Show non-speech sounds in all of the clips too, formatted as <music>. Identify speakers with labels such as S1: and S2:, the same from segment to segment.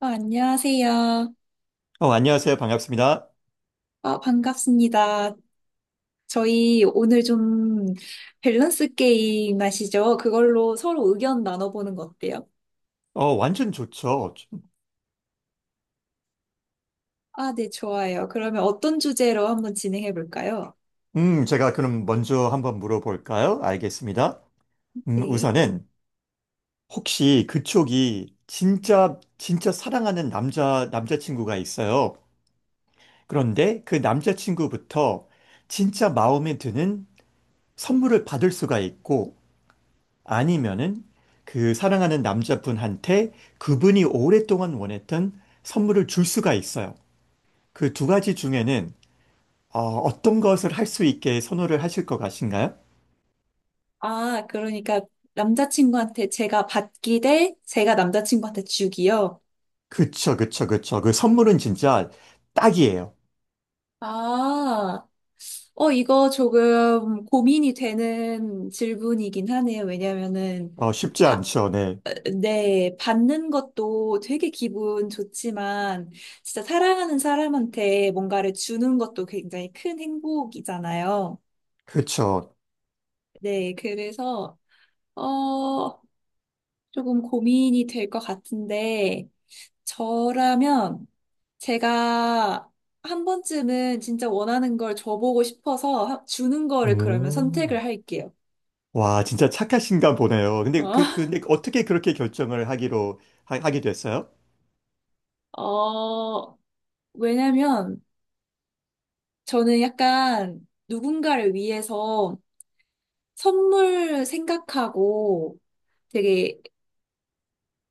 S1: 안녕하세요.
S2: 안녕하세요. 반갑습니다.
S1: 반갑습니다. 저희 오늘 좀 밸런스 게임 아시죠? 그걸로 서로 의견 나눠보는 거 어때요?
S2: 완전 좋죠.
S1: 아, 네, 좋아요. 그러면 어떤 주제로 한번 진행해 볼까요?
S2: 제가 그럼 먼저 한번 물어볼까요? 알겠습니다.
S1: 네.
S2: 우선은 혹시 그쪽이 진짜, 진짜 사랑하는 남자친구가 있어요. 그런데 그 남자친구부터 진짜 마음에 드는 선물을 받을 수가 있고 아니면은 그 사랑하는 남자분한테 그분이 오랫동안 원했던 선물을 줄 수가 있어요. 그 두 가지 중에는 어떤 것을 할 수 있게 선호를 하실 것 같으신가요?
S1: 아, 그러니까 남자친구한테 제가 받기 대 제가 남자친구한테 주기요.
S2: 그쵸, 그쵸, 그쵸. 그 선물은 진짜 딱이에요.
S1: 아, 이거 조금 고민이 되는 질문이긴 하네요. 왜냐면은
S2: 쉽지
S1: 바-
S2: 않죠, 네.
S1: 네, 받는 것도 되게 기분 좋지만, 진짜 사랑하는 사람한테 뭔가를 주는 것도 굉장히 큰 행복이잖아요.
S2: 그쵸.
S1: 네, 그래서, 어, 조금 고민이 될 것 같은데, 저라면 제가 한 번쯤은 진짜 원하는 걸 줘보고 싶어서 주는 거를 그러면
S2: 오.
S1: 선택을 할게요.
S2: 와, 진짜 착하신가 보네요. 근데
S1: 어, <laughs>
S2: 근데 어떻게 그렇게 결정을 하게 됐어요?
S1: 어, 왜냐면 저는 약간 누군가를 위해서 선물 생각하고 되게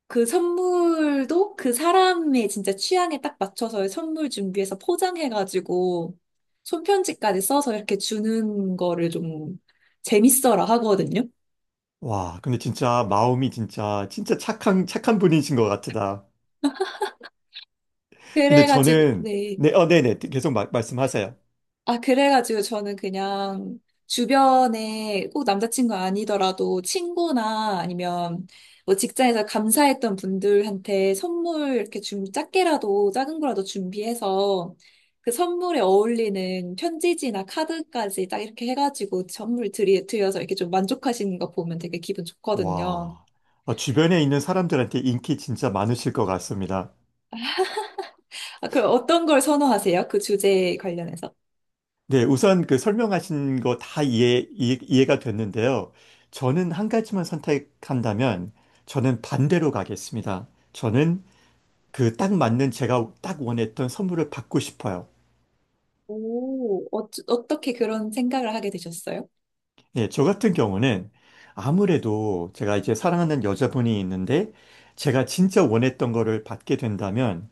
S1: 그 선물도 그 사람의 진짜 취향에 딱 맞춰서 선물 준비해서 포장해가지고 손편지까지 써서 이렇게 주는 거를 좀 재밌어라 하거든요.
S2: 와, 근데 진짜 마음이 진짜, 진짜 착한, 착한 분이신 것 같다. 근데
S1: 그래가지고,
S2: 저는,
S1: 네.
S2: 네, 네네. 계속 말씀하세요.
S1: 아, 그래가지고 저는 그냥 주변에 꼭 남자친구 아니더라도 친구나 아니면 뭐 직장에서 감사했던 분들한테 선물 이렇게 좀 작게라도 작은 거라도 준비해서 그 선물에 어울리는 편지지나 카드까지 딱 이렇게 해가지고 드려서 이렇게 좀 만족하시는 거 보면 되게 기분 좋거든요.
S2: 와, 주변에 있는 사람들한테 인기 진짜 많으실 것 같습니다.
S1: 아, 그럼 어떤 걸 선호하세요? 그 주제에 관련해서?
S2: 네, 우선 그 설명하신 거 다 이해가 됐는데요. 저는 한 가지만 선택한다면 저는 반대로 가겠습니다. 저는 그 딱 맞는 제가 딱 원했던 선물을 받고 싶어요.
S1: 오, 어떻게 그런 생각을 하게 되셨어요?
S2: 예, 저 같은 경우는 아무래도 제가 이제 사랑하는 여자분이 있는데 제가 진짜 원했던 거를 받게 된다면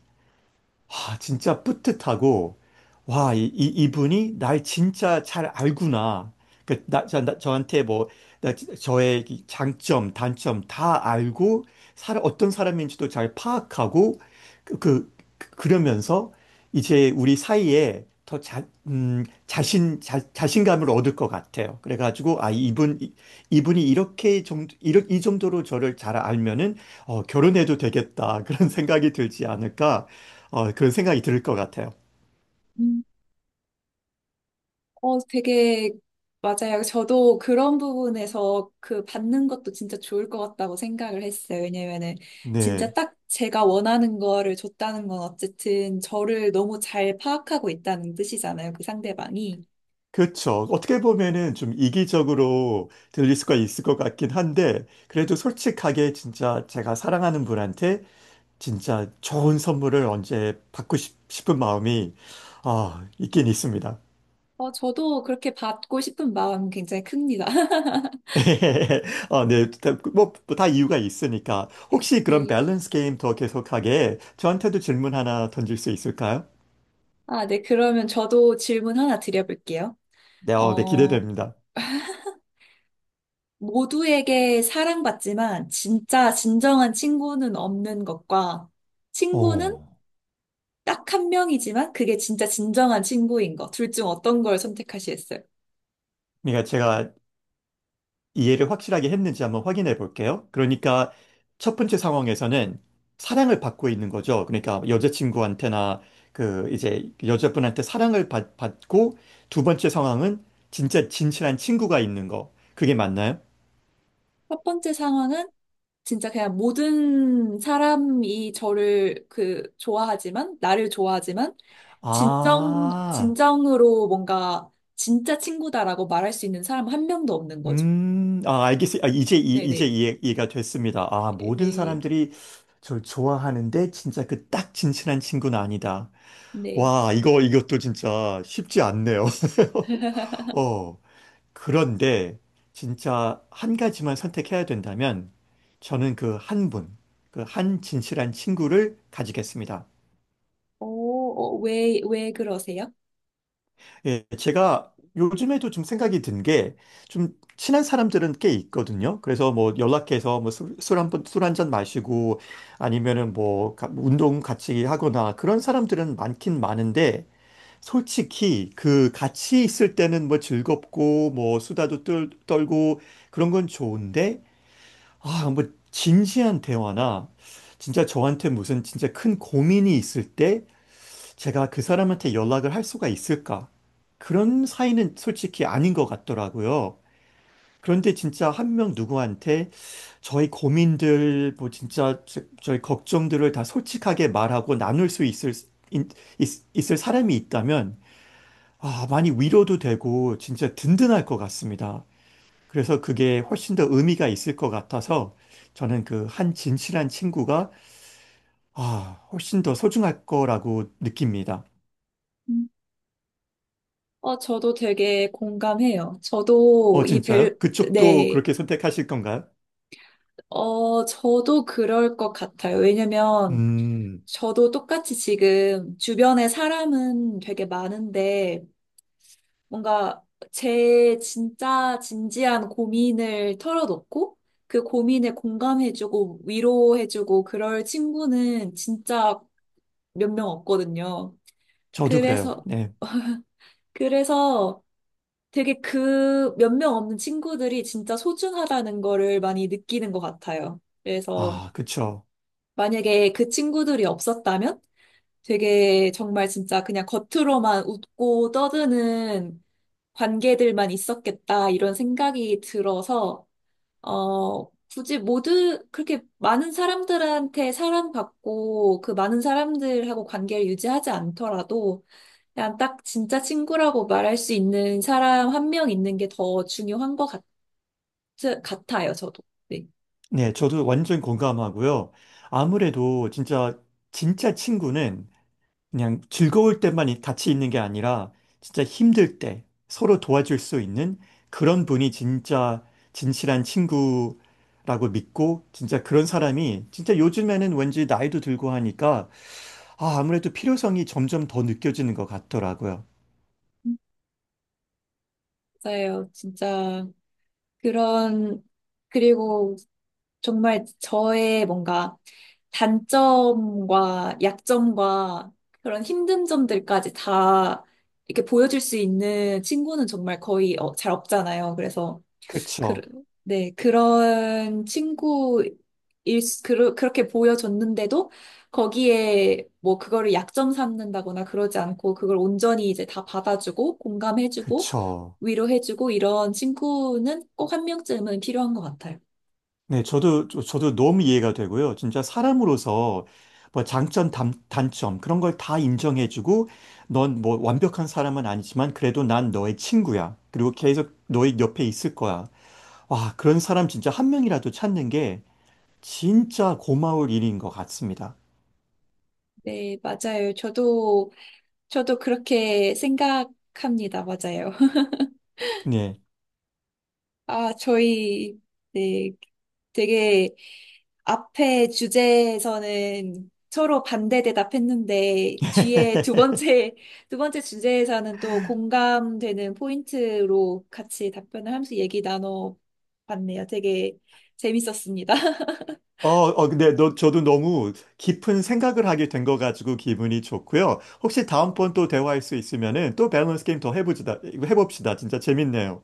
S2: 아, 진짜 뿌듯하고, 와, 이분이 날 진짜 잘 알구나. 저한테 뭐, 저의 이 장점, 단점 다 알고, 어떤 사람인지도 잘 파악하고, 그러면서 이제 우리 사이에 더 자신감을 얻을 것 같아요. 그래가지고, 아, 이분이 이 정도로 저를 잘 알면은, 결혼해도 되겠다. <laughs> 그런 생각이 들지 않을까. 그런 생각이 들 것 같아요.
S1: 음. 어, 되게 맞아요. 저도 그런 부분에서 그 받는 것도 진짜 좋을 것 같다고 생각을 했어요. 왜냐면은 진짜
S2: 네.
S1: 딱 제가 원하는 거를 줬다는 건 어쨌든 저를 너무 잘 파악하고 있다는 뜻이잖아요. 그 상대방이.
S2: 그렇죠. 어떻게 보면은 좀 이기적으로 들릴 수가 있을 것 같긴 한데, 그래도 솔직하게 진짜 제가 사랑하는 분한테 진짜 좋은 선물을 언제 받고 싶, 은 마음이, 아, 있긴 있습니다.
S1: 어, 저도 그렇게 받고 싶은 마음 굉장히 큽니다. <laughs>
S2: <laughs> 네. 뭐, 다 이유가 있으니까. 혹시 그런
S1: 네.
S2: 밸런스 게임 더 계속하게 저한테도 질문 하나 던질 수 있을까요?
S1: 아, 네. 그러면 저도 질문 하나 드려볼게요.
S2: 네, 네,
S1: 어,
S2: 기대됩니다.
S1: 모두에게 사랑받지만 진짜 진정한 친구는 없는 것과
S2: 오.
S1: 친구는 딱 한 명이지만 그게 진짜 진정한 친구인 거. 둘 중 어떤 걸 선택하시겠어요?
S2: 그러니까 제가 이해를 확실하게 했는지 한번 확인해 볼게요. 그러니까 첫 번째 상황에서는 사랑을 받고 있는 거죠. 그러니까 여자친구한테나 그 이제 여자분한테 사랑을 받고 두 번째 상황은 진짜 진실한 친구가 있는 거. 그게 맞나요?
S1: 첫 번째 상황은 진짜 그냥 모든 사람이 저를 그 좋아하지만, 나를 좋아하지만,
S2: 아,
S1: 진정으로 뭔가 진짜 친구다라고 말할 수 있는 사람 한 명도 없는 거죠.
S2: 아, 알겠어요. 아, 이제
S1: 네네,
S2: 이해가 됐습니다. 아, 모든
S1: 네,
S2: 사람들이 저를 좋아하는데 진짜 그 딱 진실한 친구는 아니다.
S1: 네.
S2: 와, 이것도 진짜 쉽지 않네요. <laughs> 어, 그런데 진짜 한 가지만 선택해야 된다면 저는 그 한 진실한 친구를 가지겠습니다.
S1: 오.. 어, 어, 왜 그러세요?
S2: 예, 제가 요즘에도 좀 생각이 든 게 좀 친한 사람들은 꽤 있거든요. 그래서 뭐 연락해서 뭐 술 한 잔 마시고 아니면은 뭐 운동 같이 하거나 그런 사람들은 많긴 많은데 솔직히 그 같이 있을 때는 뭐 즐겁고 뭐 수다도 떨고 그런 건 좋은데 아, 뭐 진지한 대화나 진짜 저한테 무슨 진짜 큰 고민이 있을 때 제가 그 사람한테 연락을 할 수가 있을까? 그런 사이는 솔직히 아닌 것 같더라고요. 그런데 진짜 한 명 누구한테 저희 고민들, 뭐 진짜 저희 걱정들을 다 솔직하게 말하고 나눌 수 있, 있을 사람이 있다면 아, 많이 위로도 되고 진짜 든든할 것 같습니다. 그래서 그게 훨씬 더 의미가 있을 것 같아서 저는 그 한 진실한 친구가 아, 훨씬 더 소중할 거라고 느낍니다.
S1: 음. 어, 저도 되게 공감해요. 저도 이
S2: 진짜요?
S1: 밸,
S2: 그쪽도
S1: 네.
S2: 그렇게 선택하실 건가요?
S1: 어, 저도 그럴 것 같아요. 왜냐면
S2: 음,
S1: 저도 똑같이 지금 주변에 사람은 되게 많은데 뭔가 제 진짜 진지한 고민을 털어놓고 그 고민에 공감해주고 위로해주고 그럴 친구는 진짜 몇 명 없거든요.
S2: 저도 그래요.
S1: 그래서,
S2: 네.
S1: 그래서 되게 그 몇 명 없는 친구들이 진짜 소중하다는 거를 많이 느끼는 것 같아요. 그래서
S2: 아, 그쵸.
S1: 만약에 그 친구들이 없었다면 되게 정말 진짜 그냥 겉으로만 웃고 떠드는 관계들만 있었겠다 이런 생각이 들어서 어 굳이 모두 그렇게 많은 사람들한테 사랑받고 그 많은 사람들하고 관계를 유지하지 않더라도 그냥 딱 진짜 친구라고 말할 수 있는 사람 한 명 있는 게 더 중요한 것 같아요. 저- 같아요, 저도. 네.
S2: 네, 저도 완전 공감하고요. 아무래도 진짜, 진짜 친구는 그냥 즐거울 때만 같이 있는 게 아니라 진짜 힘들 때 서로 도와줄 수 있는 그런 분이 진짜 진실한 친구라고 믿고 진짜 그런 사람이 진짜 요즘에는 왠지 나이도 들고 하니까 아, 아무래도 필요성이 점점 더 느껴지는 것 같더라고요.
S1: 맞아요. 진짜 그런, 그리고 정말 저의 뭔가 단점과 약점과 그런 힘든 점들까지 다 이렇게 보여줄 수 있는 친구는 정말 거의 어, 잘 없잖아요. 그래서 그,
S2: 그쵸.
S1: 네, 그런 친구일, 수- 그러, 그렇게 보여줬는데도 거기에 뭐 그거를 약점 삼는다거나 그러지 않고 그걸 온전히 이제 다 받아주고 공감해주고
S2: 그쵸.
S1: 위로해주고 이런 친구는 꼭 한 명쯤은 필요한 것 같아요.
S2: 네, 저도 너무 이해가 되고요. 진짜 사람으로서 뭐 장점, 단점, 그런 걸 다 인정해주고, 넌 뭐 완벽한 사람은 아니지만, 그래도 난 너의 친구야. 그리고 계속 너의 옆에 있을 거야. 와, 그런 사람 진짜 한 명이라도 찾는 게 진짜 고마울 일인 것 같습니다.
S1: 네, 맞아요. 저도 그렇게 생각합니다. 맞아요.
S2: 네.
S1: 아, 저희, 네, 되게 앞에 주제에서는 서로 반대 대답했는데, 뒤에 <laughs> 두 번째 주제에서는 또 공감되는 포인트로 같이 답변을 하면서 얘기 나눠봤네요. 되게 재밌었습니다.
S2: 근데 저도 너무 깊은 생각을 하게 된 거 가지고 기분이 좋고요. 혹시 다음번 또 대화할 수 있으면은 또 밸런스 게임 더 해봅시다. 진짜 재밌네요.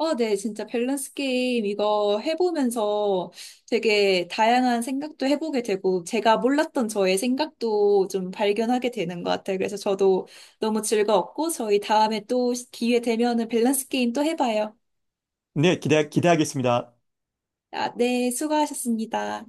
S1: 어, 네, 진짜 밸런스 게임 이거 해보면서 되게 다양한 생각도 해보게 되고, 제가 몰랐던 저의 생각도 좀 발견하게 되는 것 같아요. 그래서 저도 너무 즐거웠고, 저희 다음에 또 기회 되면은 밸런스 게임 또 해봐요.
S2: 네, 기대하겠습니다.
S1: 아, 네, 수고하셨습니다.